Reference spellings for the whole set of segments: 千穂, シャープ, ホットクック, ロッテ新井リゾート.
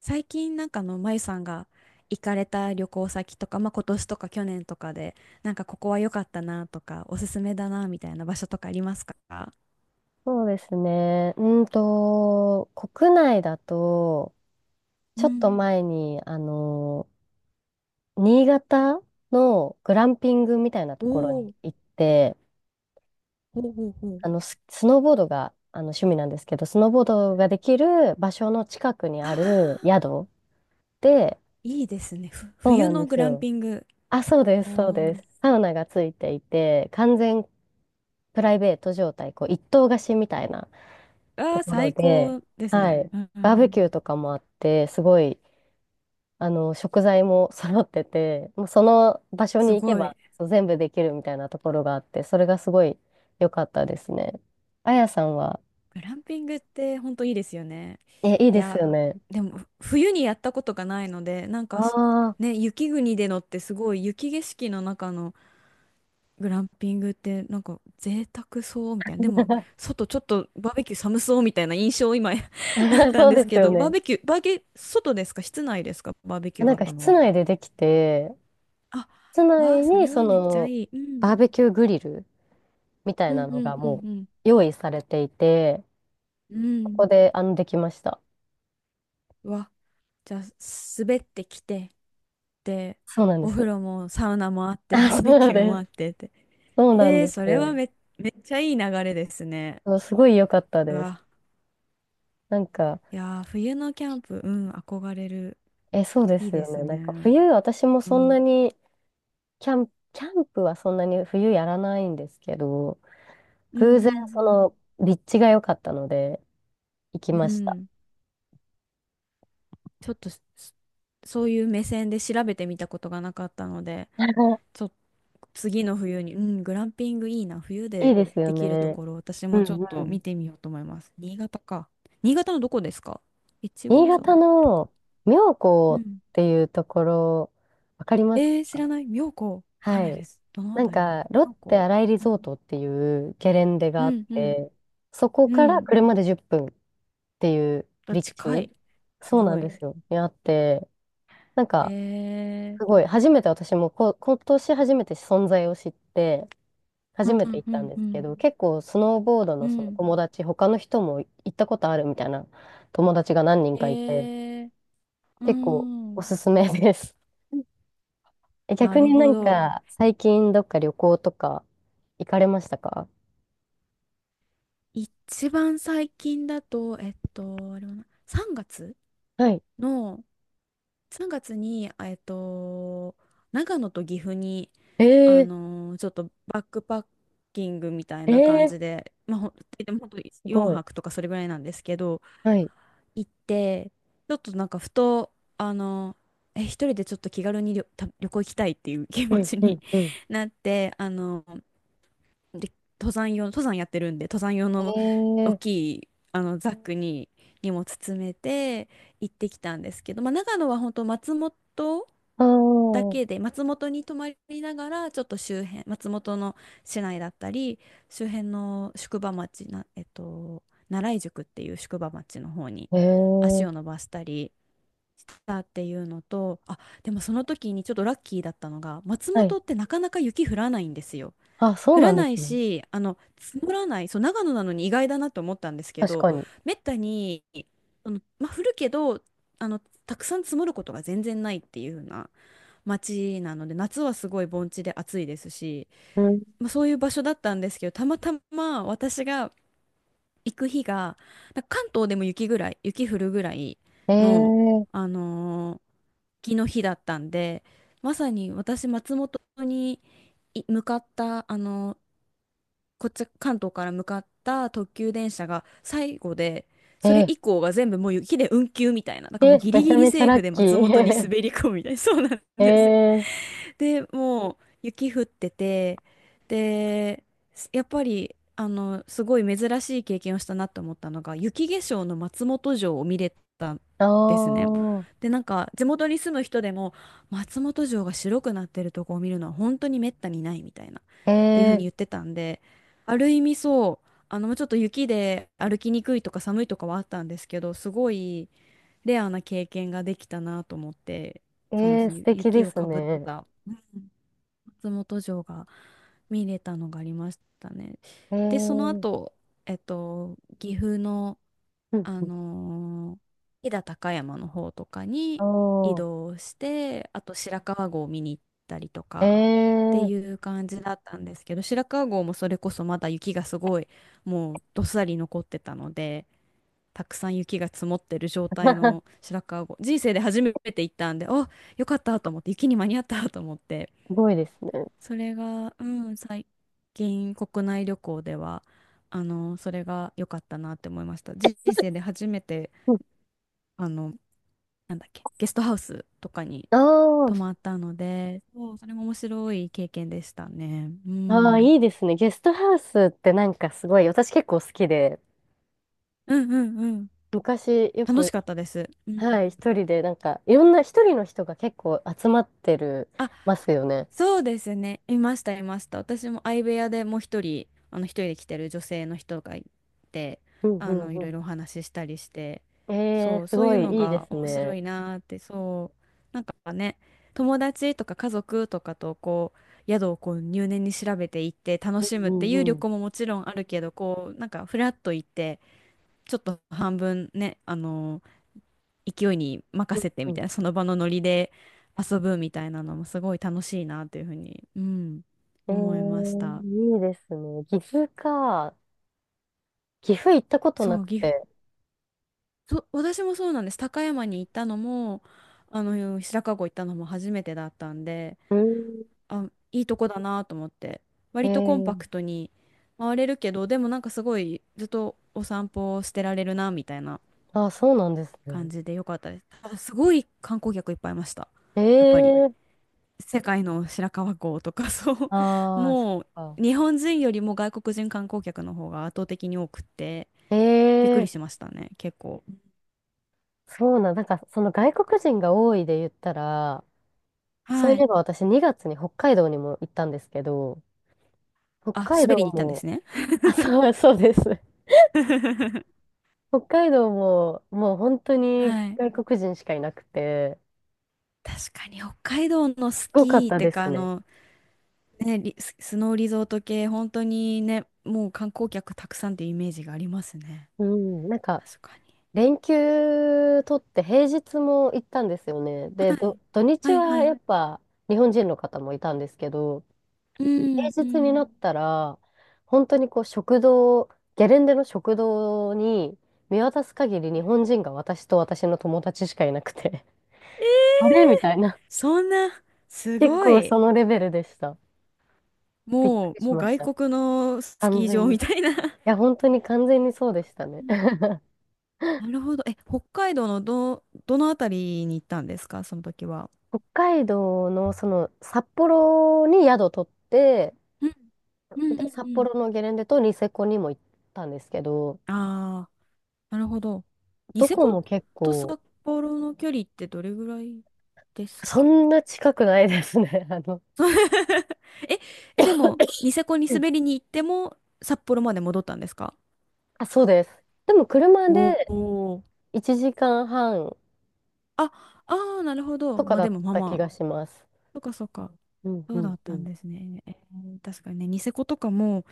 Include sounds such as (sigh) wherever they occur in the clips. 最近なんかまゆさんが行かれた旅行先とか、まあ、今年とか去年とかで、なんかここは良かったなとか、おすすめだなみたいな場所とかありますか？そうですね。国内だと、うちょっとん。前に、新潟のグランピングみたいなおところにお、行って、ほうほうほう。スノーボードが、趣味なんですけど、スノーボードができる場所の近くにああるあ、宿で、いいですね。そう冬なんでのグすランよ。ピング。あ、そうです、そうおでー。す。サウナがついていて、完全プライベート状態、こう、一棟貸しみたいなあとあ、ころ最で、高ですはね。い。うんうバーベん。キューとかもあって、すごい食材も揃ってて、もうその場所にす行けごばい。そう全部できるみたいなところがあって、それがすごい良かったですね。あやさんは、グランピングって本当いいですよね。え、いいいですや、よね。でも冬にやったことがないので、なんかああ、ね、雪国でのってすごい雪景色の中のグランピングってなんか贅沢そうみたいな。でも、(laughs) 外ちょっとバーベキュー寒そうみたいな印象今 (laughs) あったんそうですですけよど、バーね。ベキュー、バーゲ、外ですか、室内ですか、バーベキューながんあっかたの室は？内でできて、あ、室わあ、内そにれそはめっちゃのいい。うバん。ーベキューグリルみたういなんのうんがうんもううん。用意されていて、うここん。でできました。わ。じゃあ、滑ってきて、で、そうなんでお風す。呂もサウナもあって、(laughs) あ、バーベそうキューでもあっす。てって。そうなんえー、でそすれはよ。めっちゃいい流れですね。そうすごい良かったうです。わ。なんか、いやー、冬のキャンプ、うん、憧れる。え、そうでいいすでよすね。なんかね。冬、私もうそんなん。に、キャン、キャンプはそんなに冬やらないんですけど、う偶ん然うそんの立地が良かったので行きうん。うました。ん。ちょっとそういう目線で調べてみたことがなかったので、(laughs) ちょっと次の冬に、うん、グランピングいいな。冬いいでですよできるとね。ころ、私うもちょっんうと見ん。てみようと思います。新潟か。新潟のどこですか？越後新湯潟沢とか。の妙う高っん。ていうところ、わかりますえー、知らか？ない。妙高。わかんはないでい。す。どのあなんたりだろか、ロッう。妙テ高。新井リうゾーん。トっていうゲレンデうがあっんうんて、そこうからん。車で10分っぷんっていうあ、立近地、い。すそうなごんでい。すよ、にあって、なんえか、すー。ごい、初めて私も今年初めて存在を知って、う初んめうてん行っうたんんでうすけん。ど、結構スノーボードうのそのん。友達、他の人も行ったことあるみたいな友達が何人えかいて、ー、う結構おん。すすめです。(laughs) え、な逆るになほんど。か、最近どっか旅行とか行かれましたか？一番最近だと、あれは3月はい。の、3月に、長野と岐阜に、えちょっとバックパッキングみたいー、なえ感ー、じで、まあ、でも本当す4ごい。泊とかそれぐらいなんですけど、はい。行って、ちょっとなんかふと、あのえ、一人でちょっと気軽に旅、旅行行きたいっていう気う持ん、ちうに ん、うん。(laughs) なって、で登山やってるんで登山用の大えきー、いザックに荷物詰めて行ってきたんですけど、まあ、長野は本当松本あだー、けで松本に泊まりながらちょっと周辺、松本の市内だったり周辺の宿場町な、えっと、奈良井宿っていう宿場町の方にえ足ー、を伸ばしたりしたっていうのとでも、その時にちょっとラッキーだったのが松はい。本ってなかなか雪降らないんですよ。あ、そ降うならんでなすいね。し、積もらない、そう、長野なのに意外だなと思ったんですけ確ど、かに。めったに、まあ、降るけど、あの、たくさん積もることが全然ないっていう風な街なので、夏はすごい盆地で暑いですし、うんまあ、そういう場所だったんですけど、たまたま私が行く日が、なんか関東でも雪ぐらい、雪降るぐらいの、ええあのー雪の日だったんで、まさに私、松本に向かった、こっち関東から向かった特急電車が最後で、それえ以降が全部もう雪で運休みたいな、なんえかもうえ、ギめリちギゃリめちゃセーラフッでキ松本にー。滑り (laughs) 込むみたいな、そうなんです。ええで、もう雪降ってて、で、やっぱり、すごい珍しい経験をしたなと思ったのが、雪化粧の松本城を見れたんあですね。あ、で、なんか、地元に住む人でも、松本城が白くなってるとこを見るのは本当に滅多にないみたいな、っていうふうにえ言っえてたんで、ある意味そう、ちょっと雪で歩きにくいとか寒いとかはあったんですけど、すごいレアな経験ができたなと思って、えそうなんでえす。素敵で雪をすかぶっね。た松本城が見れたのがありましたね。ええで、そのうん後、岐阜の、うあんのー飛騨高山の方とかにあ移動して、あと白川郷を見に行ったりとあ、えかってえ いう感じだったんですけど、白川郷もそれこそまだ雪がすごい、もうどっさり残ってたので、たくさん雪が積もってる状態の (laughs) 白川郷、人生で初めて行ったんで、あ、よかったと思って、雪に間に合ったと思って、すごいですね。(laughs) それが、うん、最近国内旅行では、それが良かったなって思いました。人生で初めて、うんあの、なんだっけ、ゲストハウスとかに泊まあったので、そう、それも面白い経験でしたね。うあ、ああ、ん。いいですね。ゲストハウスってなんかすごい、私結構好きで、うんうんうん。昔よ楽しく、かったです。うん。はい、一人でなんか、いろんな一人の人が結構集まってる、あ、ますよね。そうですね。いました、いました。私も相部屋でもう一人、一人で来てる女性の人がいて、うんうんいうろいん。ろお話ししたりして、ええそう、すそうごいういのいいでがす面白ね。いなーって、そう、なんかね、友達とか家族とかとこう宿をこう入念に調べていって楽うしむっんていううん旅うん行ももちろんあるけど、こうなんかフラッと行って、ちょっと半分ね、勢いに任せてうみたんいな、うん。その場のノリで遊ぶみたいなのもすごい楽しいなっていうふうに、うん、えー、思いました。いいですね。岐阜か。岐阜行ったことなそう、く岐阜、て。そう私もそうなんです。高山に行ったのも、白川郷行ったのも初めてだったんで、うん。あ、いいとこだなと思って、え割とコンパー、クトに回れるけど、でもなんかすごいずっとお散歩をしてられるなみたいなあ、そうなんです感ね。じでよかったです。ただすごい観光客いっぱいいました。えやっぱり。ー、世界の白川郷とか (laughs) そう、あー、そっもうか。日本人よりも外国人観光客の方が圧倒的に多くってびっくりえしー、ましたね、結構。なんか、その外国人が多いで言ったら、そはういえい。ば私2月に北海道にも行ったんですけど、北あ、海滑道りに行ったんでも、すね。 あ、そう、そうです。(laughs) 北海道も、もう本当にはい。外国人しかいなくて、確かに北海道のすスごかっキーったてでかすね。ね、スノーリゾート系本当にね、もう観光客たくさんっていうイメージがありますね。うん、なんか、確かに。連休取って平日も行ったんですよね。で、はい土日はいははやい。っぱ日本人の方もいたんですけど、うん平う日になん。ったら、本当にこう食堂、ゲレンデの食堂に見渡す限り日本人が私と私の友達しかいなくて、(laughs) あれみたいな。そんな。 (laughs) す結ご構い。そのレベルでした。びっくもう、りもしうまし外た。国のス完キー場全に。いみたいな。 や、本当に完全にそうでしたね。(laughs) なるほど。え、北海道のどのあたりに行ったんですか、その時は？北海道のその札幌に宿取って、うんうんで、うん札うん。幌のゲレンデとニセコにも行ったんですけど、ああ、なるほど。ニどセこコも結と構、札幌の距離ってどれぐらいですっそけ？ んな近くないですね。(laughs) (laughs) え、でも、ニセコにうん滑りに行っても、札幌まで戻ったんですか？あ、そうです。でも車おでおー。1時間半あ、ああ、なるほど。とかまあだでっも、まあた気まあ。がします。そっかそっか。うんそううだっんうたん。んいですね。えー、確かにね、ニセコとかも、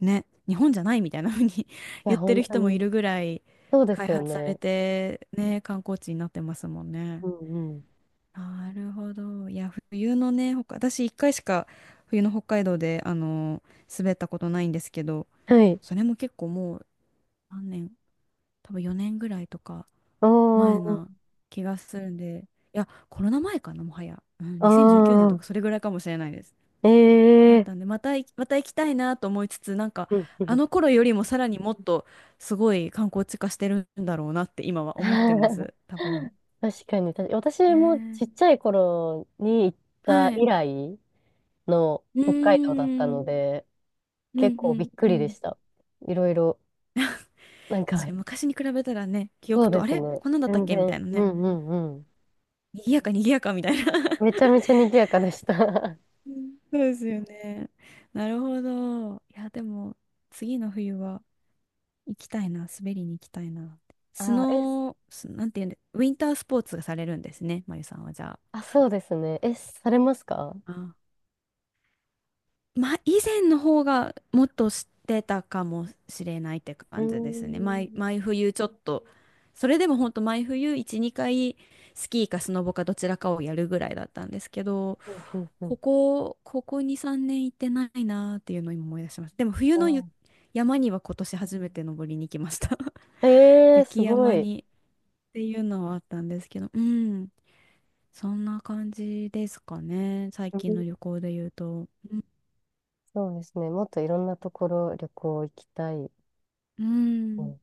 ね、日本じゃないみたいな風に (laughs) や、言って本る当人もいに。るぐらいそうで開すよ発されね。て、ね、観光地になってますもんうね。んうん。なるほど。いや、冬のね、私一回しか冬の北海道で、滑ったことないんですけど、はい。それも結構もう何年、多分4年ぐらいとかお前ー、な気がするんで、いや、コロナ前かな、もはや。うん、2019年とあかそれぐらいかもしれないです。ー、えだえったー。んで、またい、また行きたいなと思いつつ、なんか、うんうあん の頃よりもさらにもっとすごい観光地化してるんだろうなって今は思ってま (laughs) す、多分。確かに、確かに私もねちっちゃい頃に行っえ。たはい。以来、のう北海道だったーん。ので、う結んう構んびっくうりでん。した。いろいろ、なん確かか、に昔に比べたらね、記 (laughs) そ憶うと、であすれね。こんなんだったっ全けみたいな然、うね。んうんうん。賑やか賑やかみたいな。めちゃめちゃ賑やかでした。うん。 (laughs) そうですよね。なるほど。いや、でも、次の冬は、行きたいな、滑りに行きたいな。(laughs) スあ、え、ノー、なんていうんで、ウィンタースポーツがされるんですね、まゆさんはじゃあ。あ、そうですね。え、されますか？あ、まあ、以前の方がもっと知ってたかもしれないってうー感じですね。ん。毎冬ちょっと、それでも本当毎冬1、2回スキーかスノボかどちらかをやるぐらいだったんですけど、うんうんうん。ここ2、3年行ってないなーっていうのを今思い出しました。でも冬のあ山には今年初めて登りに行きました。(laughs) えー、す雪ご山い。にっていうのはあったんですけど、うん、そんな感じですかね。最う近んの旅行で言うと。うん。そうですね。もっといろんなところ旅行行きたい。ううんん